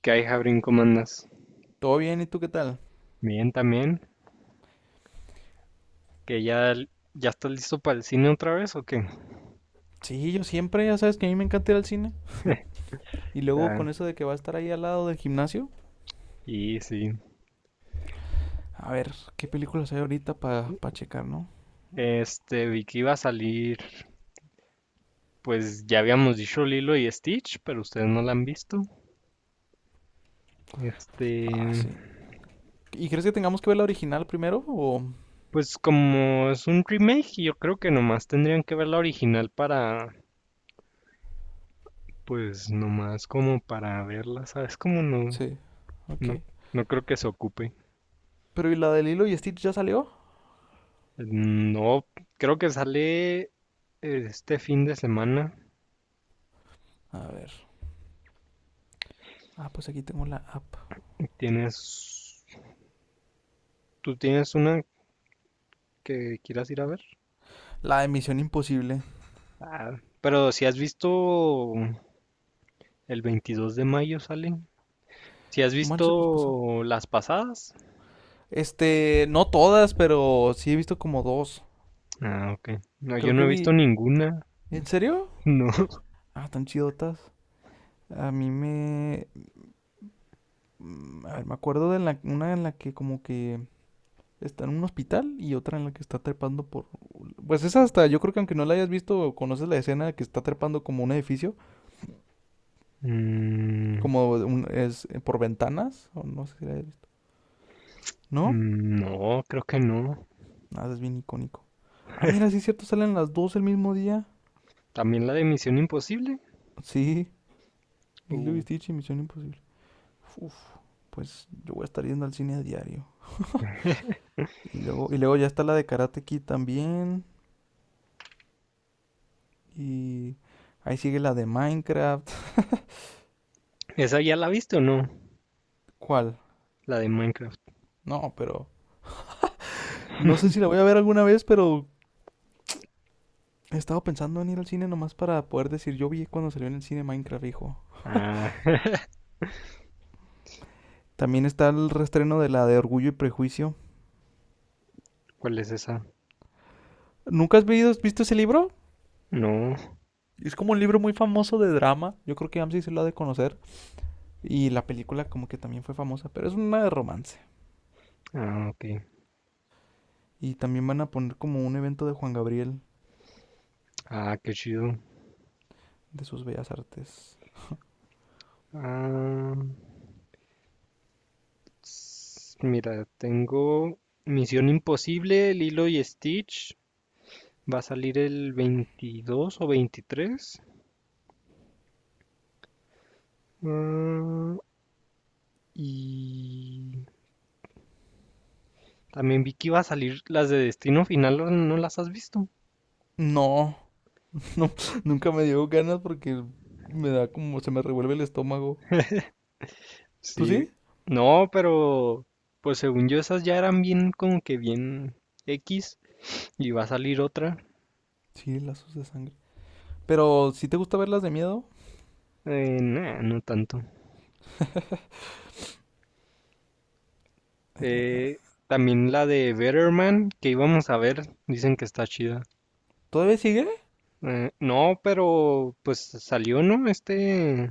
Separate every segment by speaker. Speaker 1: ¿Qué hay, Jabrín? ¿Cómo andas?
Speaker 2: Todo bien, ¿y tú qué tal?
Speaker 1: Bien, también. ¿Que ya estás listo para el cine otra vez o qué?
Speaker 2: Sí, yo siempre, ya sabes que a mí me encanta ir al cine. Y luego con
Speaker 1: Claro.
Speaker 2: eso de que va a estar ahí al lado del gimnasio,
Speaker 1: Y sí.
Speaker 2: a ver qué películas hay ahorita para checar, ¿no?
Speaker 1: Vi que iba a salir, pues ya habíamos dicho Lilo y Stitch, pero ustedes no la han visto. Este,
Speaker 2: Ah, sí. ¿Y crees que tengamos que ver la original primero? O.
Speaker 1: pues como es un remake, yo creo que nomás tendrían que ver la original para, pues nomás como para verla, ¿sabes? Como no,
Speaker 2: Sí,
Speaker 1: no,
Speaker 2: ok.
Speaker 1: no creo que se ocupe.
Speaker 2: Pero ¿y la de Lilo y Stitch ya salió?
Speaker 1: No, creo que sale este fin de semana.
Speaker 2: A ver. Ah, pues aquí tengo la app.
Speaker 1: ¿Tienes, tú tienes una que quieras ir a ver?
Speaker 2: La de Misión Imposible.
Speaker 1: Ah, pero si has visto el 22 de mayo salen, si has
Speaker 2: Manches, pues pasó.
Speaker 1: visto las pasadas,
Speaker 2: Este, no todas, pero sí he visto como dos.
Speaker 1: ah, ok. No, yo
Speaker 2: Creo
Speaker 1: no
Speaker 2: que
Speaker 1: he visto
Speaker 2: vi.
Speaker 1: ninguna,
Speaker 2: ¿En serio?
Speaker 1: no.
Speaker 2: Ah, tan chidotas. A mí me. A ver, me acuerdo de una en la que como que está en un hospital y otra en la que está trepando por... Pues esa hasta, yo creo que aunque no la hayas visto, conoces la escena que está trepando como un edificio,
Speaker 1: Mm,
Speaker 2: es por ventanas, o no sé si la hayas visto. ¿No?
Speaker 1: no, creo que no.
Speaker 2: Nada, es bien icónico. Ah, mira, sí es cierto, salen las dos el mismo día.
Speaker 1: También la de Misión Imposible.
Speaker 2: Sí, Lilo y
Speaker 1: Uh,
Speaker 2: Stitch y Misión Imposible. Uf, pues yo voy a estar yendo al cine a diario. Y luego ya está la de Karate Kid también. Y ahí sigue la de Minecraft.
Speaker 1: ¿Esa ya la viste o no?
Speaker 2: ¿Cuál?
Speaker 1: La de Minecraft.
Speaker 2: No, pero no sé si la voy a ver alguna vez, pero he estado pensando en ir al cine nomás para poder decir, yo vi cuando salió en el cine Minecraft, hijo.
Speaker 1: Ah,
Speaker 2: También está el restreno de la de Orgullo y Prejuicio.
Speaker 1: ¿cuál es esa?
Speaker 2: ¿Nunca has visto ese libro?
Speaker 1: No.
Speaker 2: Es como un libro muy famoso de drama. Yo creo que Amsi se lo ha de conocer. Y la película como que también fue famosa, pero es una de romance.
Speaker 1: Ah, ok.
Speaker 2: Y también van a poner como un evento de Juan Gabriel
Speaker 1: Ah, qué chido.
Speaker 2: de sus bellas artes.
Speaker 1: Ah, mira, tengo Misión Imposible, Lilo y Stitch. Va a salir el 22 o 23. Ah, y también vi que iba a salir las de Destino Final, ¿no no las has visto?
Speaker 2: No, no, nunca me dio ganas porque me da como, se me revuelve el estómago. ¿Tú
Speaker 1: Sí.
Speaker 2: sí?
Speaker 1: No, pero pues según yo esas ya eran bien como que bien X y va a salir otra.
Speaker 2: Sí, lazos de sangre. Pero, ¿si te gusta verlas de miedo?
Speaker 1: Nah, no tanto.
Speaker 2: Eh,
Speaker 1: Eh, también la de Better Man que íbamos a ver, dicen que está chida.
Speaker 2: ¿Todavía sigue?
Speaker 1: No, pero pues salió, ¿no? Este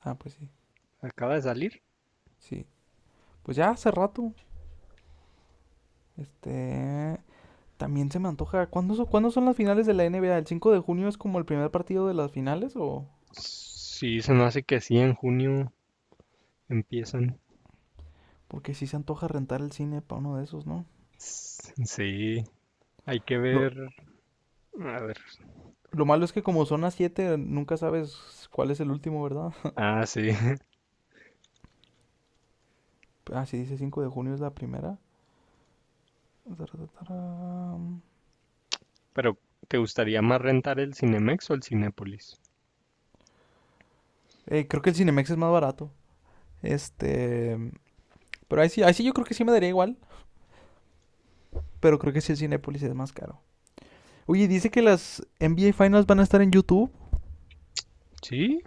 Speaker 2: Ah, pues sí,
Speaker 1: acaba de salir.
Speaker 2: sí. Pues ya hace rato. Este... También se me antoja. ¿Cuándo son las finales de la NBA? ¿El 5 de junio es como el primer partido de las finales o...?
Speaker 1: Sí, se me hace que sí, en junio empiezan.
Speaker 2: Porque sí se antoja rentar el cine para uno de esos, ¿no?
Speaker 1: S- Sí, hay que
Speaker 2: Lo,
Speaker 1: ver. A ver.
Speaker 2: lo malo es que como son las 7, nunca sabes cuál es el último, ¿verdad?
Speaker 1: Ah, sí.
Speaker 2: Ah, sí, dice 5 de junio es la primera. Tararararam.
Speaker 1: Pero, ¿te gustaría más rentar el Cinemex o el Cinépolis?
Speaker 2: Creo que el Cinemex es más barato. Este... Pero ahí sí yo creo que sí me daría igual. Pero creo que sí el Cinépolis es más caro. Oye, dice que las NBA Finals van a estar en YouTube.
Speaker 1: Sí,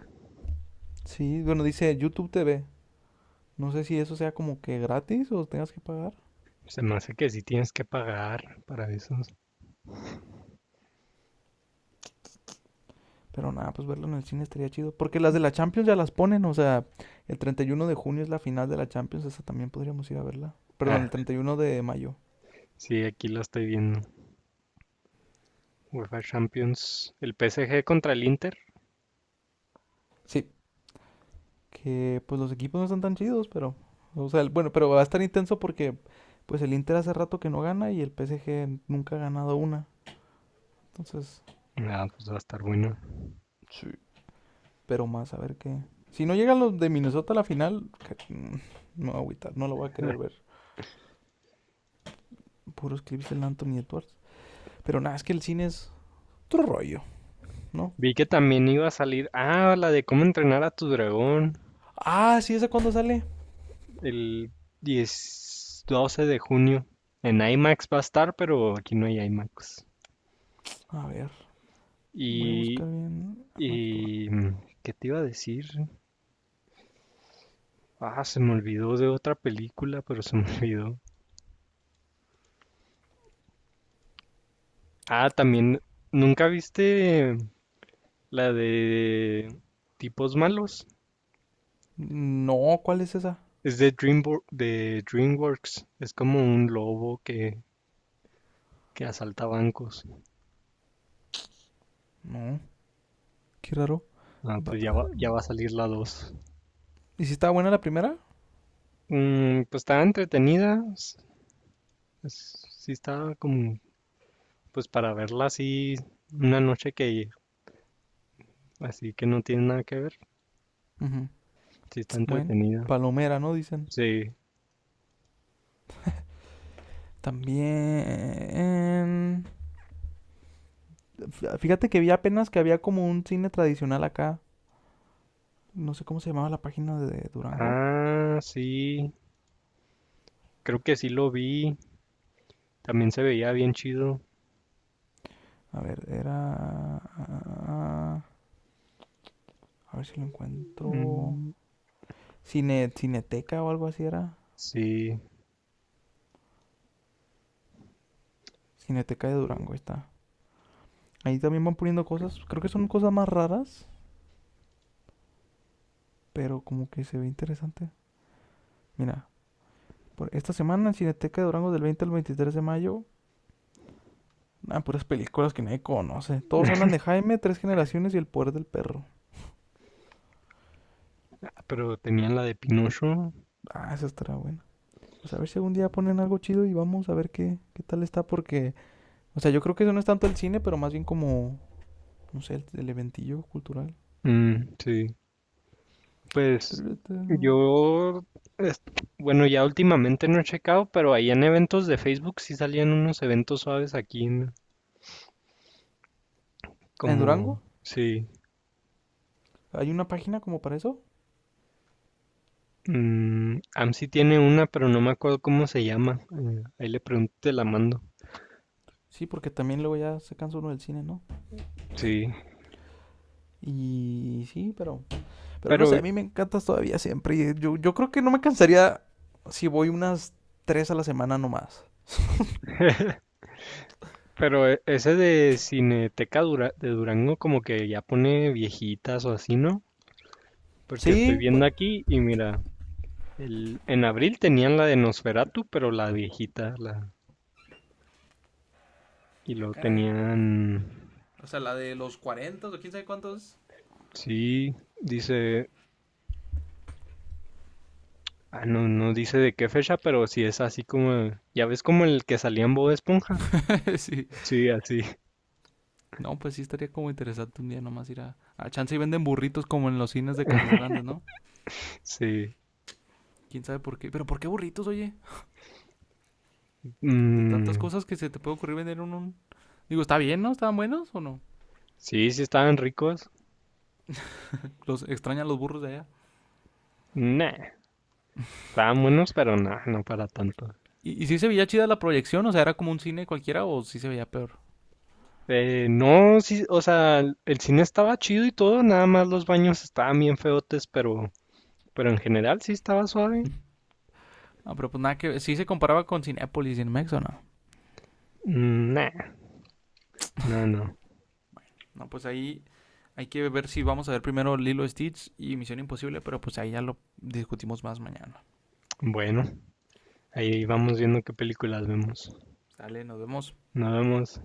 Speaker 2: Sí, bueno, dice YouTube TV. No sé si eso sea como que gratis o tengas que pagar.
Speaker 1: se me hace que sí tienes que pagar para esos.
Speaker 2: Pero nada, pues verlo en el cine estaría chido. Porque las de la Champions ya las ponen. O sea, el 31 de junio es la final de la Champions. Esa también podríamos ir a verla. Perdón,
Speaker 1: Ah,
Speaker 2: el 31 de mayo.
Speaker 1: sí, aquí lo estoy viendo. UEFA Champions, el PSG contra el Inter.
Speaker 2: Sí. Que pues los equipos no están tan chidos, pero... O sea, el- bueno, pero va a estar intenso porque pues el Inter hace rato que no gana y el PSG nunca ha ganado una. Entonces,
Speaker 1: Ah, pues va a estar bueno.
Speaker 2: sí. Pero más, a ver qué. Si no llegan los de Minnesota a la final, me voy a agüitar, no lo voy a querer ver. Puros clips del Anthony Edwards. Pero nada, es que el cine es otro rollo, ¿no?
Speaker 1: Vi que también iba a salir. Ah, la de cómo entrenar a tu dragón.
Speaker 2: Ah, sí, ¿esa cuándo sale?
Speaker 1: El 10, 12 de junio. En IMAX va a estar, pero aquí no hay IMAX.
Speaker 2: A ver, voy a buscar
Speaker 1: Y,
Speaker 2: bien a Max Duran.
Speaker 1: ¿qué te iba a decir? Ah, se me olvidó de otra película, pero se me olvidó. Ah, también, ¿nunca viste la de tipos malos?
Speaker 2: No, ¿cuál es esa?
Speaker 1: Es de DreamWorks. Es como un lobo que asalta bancos.
Speaker 2: No, qué raro.
Speaker 1: Ah, pues ya va a salir la 2.
Speaker 2: ¿Y si estaba buena la primera?
Speaker 1: Mm, pues está entretenida. Sí está como, pues para verla así una noche que, así que no tiene nada que ver.
Speaker 2: Ujú.
Speaker 1: Sí está
Speaker 2: Bueno,
Speaker 1: entretenida.
Speaker 2: palomera, ¿no? Dicen.
Speaker 1: Sí.
Speaker 2: También... Fíjate que vi apenas que había como un cine tradicional acá. No sé cómo se llamaba la página de Durango.
Speaker 1: Ah, sí. Creo que sí lo vi. También se veía bien chido.
Speaker 2: A ver, era. Ah, a ver si lo encuentro.
Speaker 1: Mm,
Speaker 2: Cine, Cineteca o algo así era.
Speaker 1: sí.
Speaker 2: Cineteca de Durango, ahí está. Ahí también van poniendo cosas. Creo que son cosas más raras, pero como que se ve interesante. Mira, por esta semana en Cineteca de Durango del 20 al 23 de mayo. Ah, puras películas que nadie conoce. Todos hablan de Jaime, Tres Generaciones y El Poder del Perro.
Speaker 1: Ah, pero tenían la de Pinocho.
Speaker 2: Ah, esa estará buena. Pues a ver si algún día ponen algo chido y vamos a ver qué, qué tal está porque... O sea, yo creo que eso no es tanto el cine, pero más bien como no sé, el eventillo cultural.
Speaker 1: Mm, sí. Pues
Speaker 2: En
Speaker 1: yo, es- bueno, ya últimamente no he checado, pero ahí en eventos de Facebook sí salían unos eventos suaves aquí, como,
Speaker 2: Durango
Speaker 1: sí,
Speaker 2: hay una página como para eso.
Speaker 1: AMSI tiene una, pero no me acuerdo cómo se llama. Eh, ahí le pregunto, y te la mando.
Speaker 2: Sí, porque también luego ya se cansa uno del cine, ¿no?
Speaker 1: Sí,
Speaker 2: Y sí, pero. Pero no sé,
Speaker 1: pero,
Speaker 2: a mí me encantas todavía siempre. Y yo creo que no me cansaría si voy unas tres a la semana nomás.
Speaker 1: pero ese de Cineteca de Durango como que ya pone viejitas o así, ¿no? Porque estoy
Speaker 2: Sí,
Speaker 1: viendo
Speaker 2: pues.
Speaker 1: aquí y mira, el, en abril tenían la de Nosferatu, pero la viejita, la... Y
Speaker 2: Ah,
Speaker 1: lo
Speaker 2: caray.
Speaker 1: tenían,
Speaker 2: O sea, la de los 40 o quién sabe cuántos.
Speaker 1: sí, dice, ah, no, no dice de qué fecha, pero sí es así como, ya ves como el que salía en Bob Esponja.
Speaker 2: sí.
Speaker 1: Sí, así,
Speaker 2: No, pues sí estaría como interesante un día nomás ir a. A chance y venden burritos como en los cines de Casas Grandes, ¿no?
Speaker 1: sí.
Speaker 2: Quién sabe por qué. Pero ¿por qué burritos, oye? De tantas
Speaker 1: Mm,
Speaker 2: cosas que se te puede ocurrir vender en un... Digo, ¿está bien, no? ¿Estaban buenos o no?
Speaker 1: sí, sí estaban ricos.
Speaker 2: Los extrañan los burros de allá.
Speaker 1: Nah, estaban buenos, pero nah, no para tanto.
Speaker 2: Y sí se veía chida la proyección? O sea, ¿era como un cine cualquiera o sí se veía peor?
Speaker 1: No, sí, o sea, el cine estaba chido y todo, nada más los baños estaban bien feotes, pero en general sí estaba suave.
Speaker 2: No, pero pues nada que... ¿Sí se comparaba con Cinepolis y Cinemex o no?
Speaker 1: Mm, nah, no, no.
Speaker 2: Bueno, no, pues ahí hay que ver si vamos a ver primero Lilo Stitch y Misión Imposible, pero pues ahí ya lo discutimos más mañana.
Speaker 1: Bueno, ahí vamos viendo qué películas vemos.
Speaker 2: Sale, nos vemos.
Speaker 1: Nos vemos.